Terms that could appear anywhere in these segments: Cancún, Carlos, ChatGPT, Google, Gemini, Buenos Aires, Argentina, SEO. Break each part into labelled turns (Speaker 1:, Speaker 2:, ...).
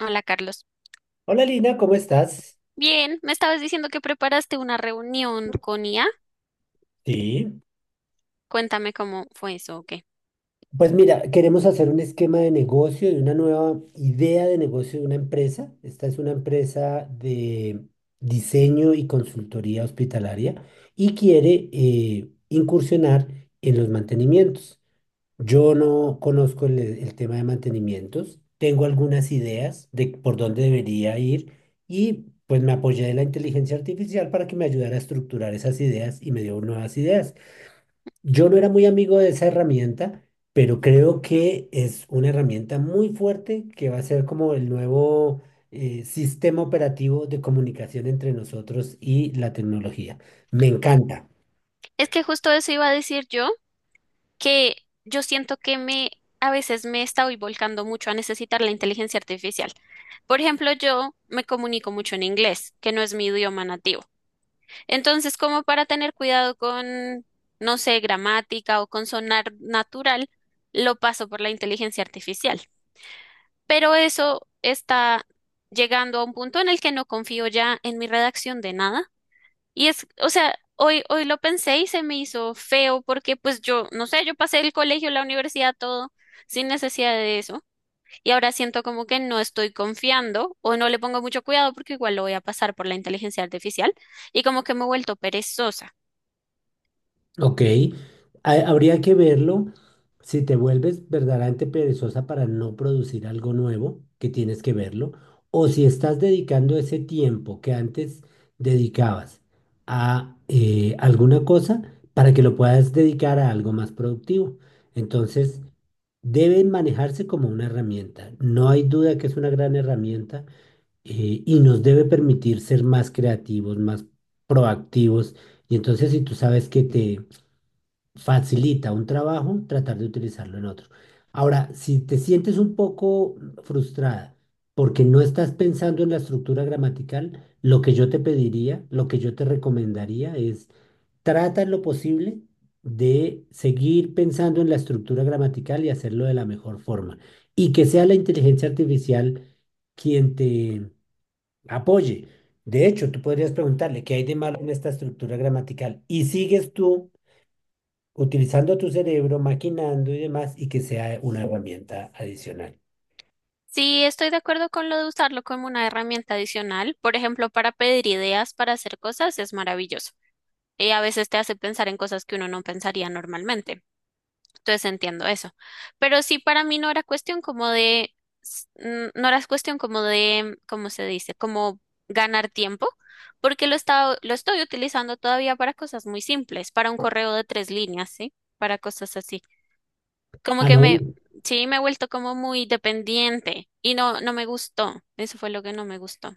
Speaker 1: Hola, Carlos.
Speaker 2: Hola Lina, ¿cómo estás?
Speaker 1: Bien, me estabas diciendo que preparaste una reunión con IA.
Speaker 2: Sí.
Speaker 1: Cuéntame cómo fue eso, ¿o qué?
Speaker 2: Pues mira, queremos hacer un esquema de negocio y una nueva idea de negocio de una empresa. Esta es una empresa de diseño y consultoría hospitalaria y quiere incursionar en los mantenimientos. Yo no conozco el tema de mantenimientos, tengo algunas ideas de por dónde debería ir y pues me apoyé de la inteligencia artificial para que me ayudara a estructurar esas ideas y me dio nuevas ideas. Yo no era muy amigo de esa herramienta, pero creo que es una herramienta muy fuerte que va a ser como el nuevo sistema operativo de comunicación entre nosotros y la tecnología. Me encanta.
Speaker 1: Es que justo eso iba a decir yo, que yo siento que me a veces me estoy volcando mucho a necesitar la inteligencia artificial. Por ejemplo, yo me comunico mucho en inglés, que no es mi idioma nativo. Entonces, como para tener cuidado con, no sé, gramática o con sonar natural, lo paso por la inteligencia artificial. Pero eso está llegando a un punto en el que no confío ya en mi redacción de nada. Y es, o sea, hoy, hoy lo pensé y se me hizo feo porque pues yo, no sé, yo pasé el colegio, la universidad, todo sin necesidad de eso. Y ahora siento como que no estoy confiando o no le pongo mucho cuidado porque igual lo voy a pasar por la inteligencia artificial y como que me he vuelto perezosa.
Speaker 2: Ok, habría que verlo. Si te vuelves verdaderamente perezosa para no producir algo nuevo, que tienes que verlo, o si estás dedicando ese tiempo que antes dedicabas a alguna cosa para que lo puedas dedicar a algo más productivo. Entonces, deben manejarse como una herramienta. No hay duda que es una gran herramienta, y nos debe permitir ser más creativos, más proactivos. Y entonces, si tú sabes que te facilita un trabajo tratar de utilizarlo en otro. Ahora, si te sientes un poco frustrada porque no estás pensando en la estructura gramatical, lo que yo te pediría, lo que yo te recomendaría es trata en lo posible de seguir pensando en la estructura gramatical y hacerlo de la mejor forma. Y que sea la inteligencia artificial quien te apoye. De hecho, tú podrías preguntarle qué hay de malo en esta estructura gramatical y sigues tú utilizando tu cerebro, maquinando y demás, y que sea una herramienta adicional.
Speaker 1: Sí, estoy de acuerdo con lo de usarlo como una herramienta adicional. Por ejemplo, para pedir ideas para hacer cosas es maravilloso. Y a veces te hace pensar en cosas que uno no pensaría normalmente. Entonces entiendo eso. Pero sí, para mí no era cuestión como de, no era cuestión como de, ¿cómo se dice? Como ganar tiempo, porque lo estoy utilizando todavía para cosas muy simples, para un correo de tres líneas, ¿sí? Para cosas así. Como
Speaker 2: Ah,
Speaker 1: que me,
Speaker 2: no,
Speaker 1: sí, me he vuelto como muy dependiente y no me gustó. Eso fue lo que no me gustó.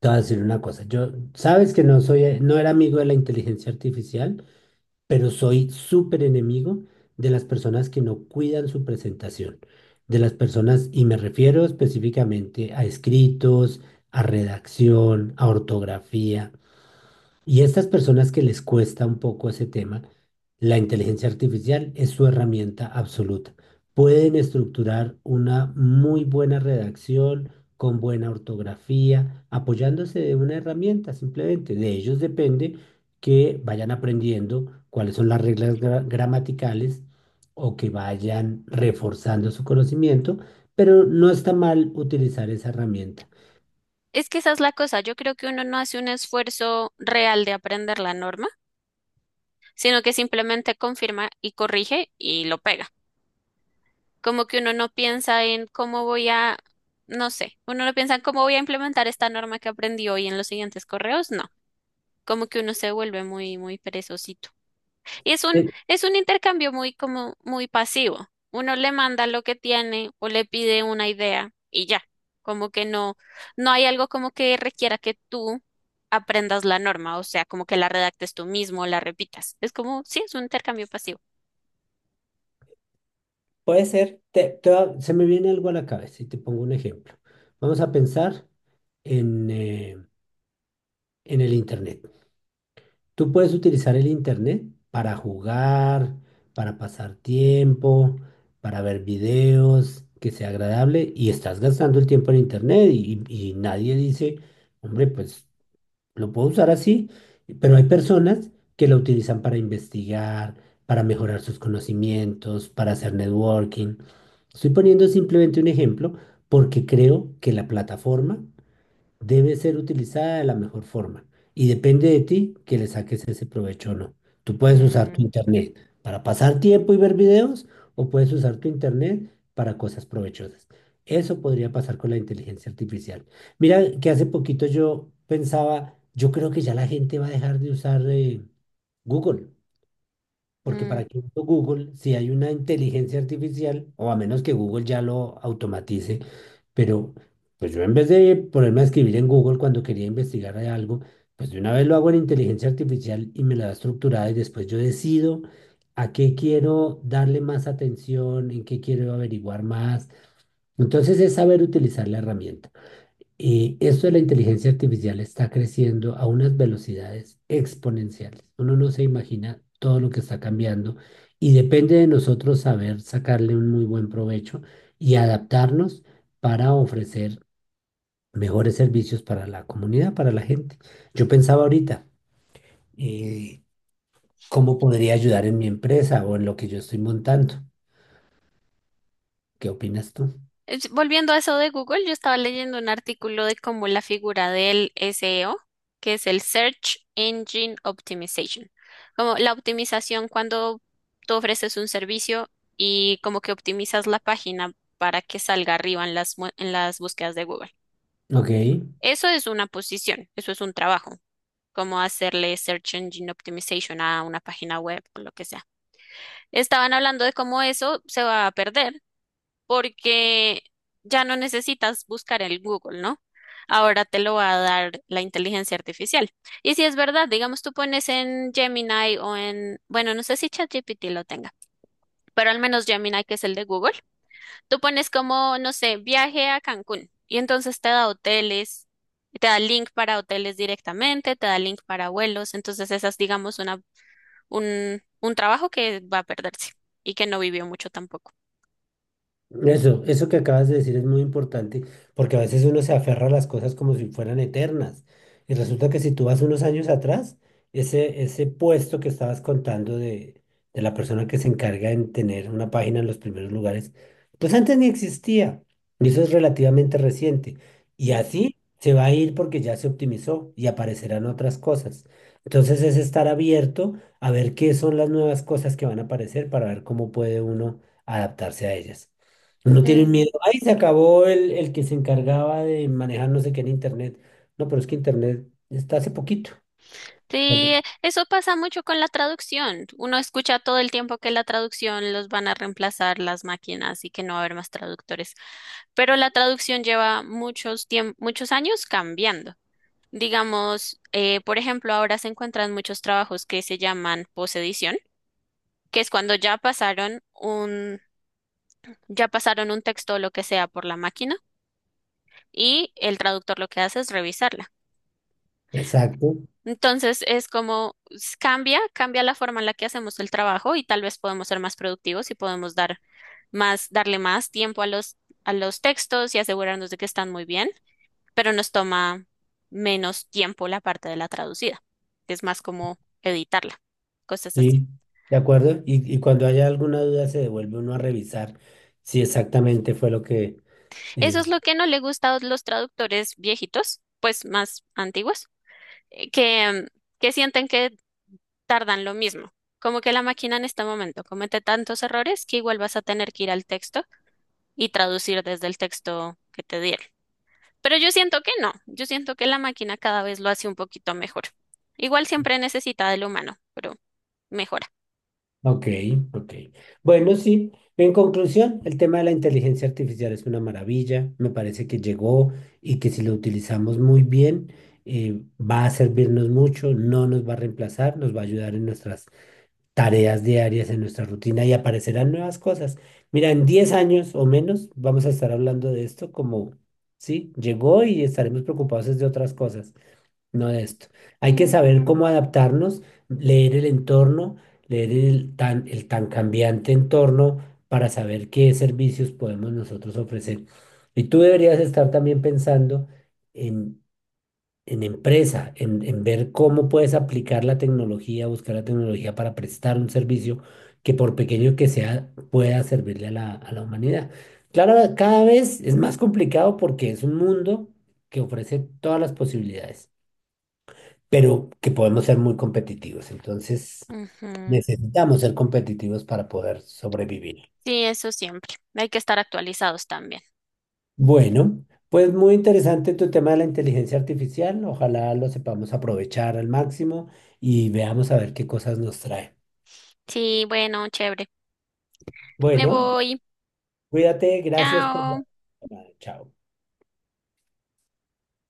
Speaker 2: te voy a decir una cosa. Yo, sabes que no soy, no era amigo de la inteligencia artificial, pero soy súper enemigo de las personas que no cuidan su presentación, de las personas, y me refiero específicamente a escritos, a redacción, a ortografía. Y estas personas que les cuesta un poco ese tema, la inteligencia artificial es su herramienta absoluta. Pueden estructurar una muy buena redacción con buena ortografía, apoyándose de una herramienta simplemente. De ellos depende que vayan aprendiendo cuáles son las reglas gramaticales o que vayan reforzando su conocimiento, pero no está mal utilizar esa herramienta.
Speaker 1: Es que esa es la cosa. Yo creo que uno no hace un esfuerzo real de aprender la norma, sino que simplemente confirma y corrige y lo pega. Como que uno no piensa en cómo voy a, no sé, uno no piensa en cómo voy a implementar esta norma que aprendí hoy en los siguientes correos, no. Como que uno se vuelve muy perezosito. Y es un intercambio muy como muy pasivo. Uno le manda lo que tiene o le pide una idea y ya. Como que no hay algo como que requiera que tú aprendas la norma, o sea, como que la redactes tú mismo, la repitas. Es como, sí, es un intercambio pasivo.
Speaker 2: Puede ser, se me viene algo a la cabeza y te pongo un ejemplo. Vamos a pensar en, eh, en el Internet. Tú puedes utilizar el Internet para jugar, para pasar tiempo, para ver videos, que sea agradable y estás gastando el tiempo en Internet y, y nadie dice, hombre, pues lo puedo usar así, pero hay personas que lo utilizan para investigar, para mejorar sus conocimientos, para hacer networking. Estoy poniendo simplemente un ejemplo porque creo que la plataforma debe ser utilizada de la mejor forma y depende de ti que le saques ese provecho o no. Tú puedes usar tu
Speaker 1: Mm,
Speaker 2: internet para pasar tiempo y ver videos o puedes usar tu internet para cosas provechosas. Eso podría pasar con la inteligencia artificial. Mira que hace poquito yo pensaba, yo creo que ya la gente va a dejar de usar Google. Porque para
Speaker 1: mm.
Speaker 2: que uso Google, si hay una inteligencia artificial, o a menos que Google ya lo automatice, pero pues yo en vez de ponerme a escribir en Google cuando quería investigar de algo, pues de una vez lo hago en inteligencia artificial y me la da estructurada y después yo decido a qué quiero darle más atención, en qué quiero averiguar más. Entonces es saber utilizar la herramienta. Y esto de la inteligencia artificial está creciendo a unas velocidades exponenciales. Uno no se imagina todo lo que está cambiando y depende de nosotros saber sacarle un muy buen provecho y adaptarnos para ofrecer mejores servicios para la comunidad, para la gente. Yo pensaba ahorita, eh, ¿cómo podría ayudar en mi empresa o en lo que yo estoy montando? ¿Qué opinas tú?
Speaker 1: Es- Volviendo a eso de Google, yo estaba leyendo un artículo de cómo la figura del SEO, que es el Search Engine Optimization, como la optimización cuando tú ofreces un servicio y como que optimizas la página para que salga arriba en las, en las búsquedas de Google.
Speaker 2: Ok.
Speaker 1: Eso es una posición, eso es un trabajo, como hacerle Search Engine Optimization a una página web o lo que sea. Estaban hablando de cómo eso se va a perder porque ya no necesitas buscar en Google, ¿no? Ahora te lo va a dar la inteligencia artificial. Y si es verdad, digamos, tú pones en Gemini o en, bueno, no sé si ChatGPT lo tenga, pero al menos Gemini, que es el de Google, tú pones como, no sé, viaje a Cancún y entonces te da hoteles. Y te da link para hoteles directamente, te da link para vuelos, entonces esa es, digamos, una, un trabajo que va a perderse y que no vivió mucho tampoco.
Speaker 2: Eso que acabas de decir es muy importante porque a veces uno se aferra a las cosas como si fueran eternas. Y resulta que si tú vas unos años atrás, ese puesto que estabas contando de la persona que se encarga en tener una página en los primeros lugares, pues antes ni existía. Y eso es relativamente reciente. Y
Speaker 1: Mm.
Speaker 2: así se va a ir porque ya se optimizó y aparecerán otras cosas. Entonces es estar abierto a ver qué son las nuevas cosas que van a aparecer para ver cómo puede uno adaptarse a ellas. No tienen
Speaker 1: Mm.
Speaker 2: miedo. Ahí se acabó el que se encargaba de manejar no sé qué en Internet. No, pero es que Internet está hace poquito.
Speaker 1: Sí, eso pasa mucho con la traducción. Uno escucha todo el tiempo que la traducción los van a reemplazar las máquinas y que no va a haber más traductores. Pero la traducción lleva muchos muchos años cambiando. Digamos, por ejemplo, ahora se encuentran muchos trabajos que se llaman posedición, que es cuando ya pasaron un texto o lo que sea por la máquina y el traductor lo que hace es revisarlo.
Speaker 2: Exacto,
Speaker 1: Entonces es como cambia, cambia la forma en la que hacemos el trabajo y tal vez podemos ser más productivos y podemos dar más, darle más tiempo a los textos y asegurarnos de que están muy bien, pero nos toma menos tiempo la parte de la traducida, que es más como editarla, cosas así.
Speaker 2: sí, de acuerdo. Y cuando haya alguna duda se devuelve uno a revisar si exactamente fue lo que...
Speaker 1: Eso
Speaker 2: eh,
Speaker 1: es lo que no le gusta a los traductores viejitos, pues más antiguos, eh, que, mm, que sienten que tardan lo mismo. Como que la máquina en este momento comete tantos errores que igual vas a tener que ir al texto y traducir desde el texto que te dieron. Pero yo siento que no, yo siento que la máquina cada vez lo hace un poquito mejor. Igual siempre necesita del humano, pero mejora.
Speaker 2: ok, ok. Bueno, sí, en conclusión, el tema de la inteligencia artificial es una maravilla. Me parece que llegó y que si lo utilizamos muy bien, va a servirnos mucho, no nos va a reemplazar, nos va a ayudar en nuestras tareas diarias en nuestra rutina y aparecerán nuevas cosas. Mira, en 10 años o menos vamos a estar hablando de esto como, sí, llegó y estaremos preocupados es de otras cosas, no de esto. Hay que
Speaker 1: Mm,
Speaker 2: saber cómo adaptarnos, leer el entorno, leer el tan cambiante entorno para saber qué servicios podemos nosotros ofrecer. Y tú deberías estar también pensando en en ver cómo puedes aplicar la tecnología, buscar la tecnología para prestar un servicio que por pequeño que sea pueda servirle a a la humanidad. Claro, cada vez es más complicado porque es un mundo que ofrece todas las posibilidades, pero que podemos ser muy competitivos. Entonces,
Speaker 1: ujú.
Speaker 2: necesitamos ser competitivos para poder sobrevivir.
Speaker 1: Sí, eso siempre. Hay que estar actualizados también.
Speaker 2: Bueno, pues muy interesante tu tema de la inteligencia artificial. Ojalá lo sepamos aprovechar al máximo y veamos a ver qué cosas nos trae.
Speaker 1: Sí, bueno, chévere. Me
Speaker 2: Bueno,
Speaker 1: voy.
Speaker 2: cuídate, gracias por
Speaker 1: Chao.
Speaker 2: la... llamada. Chao.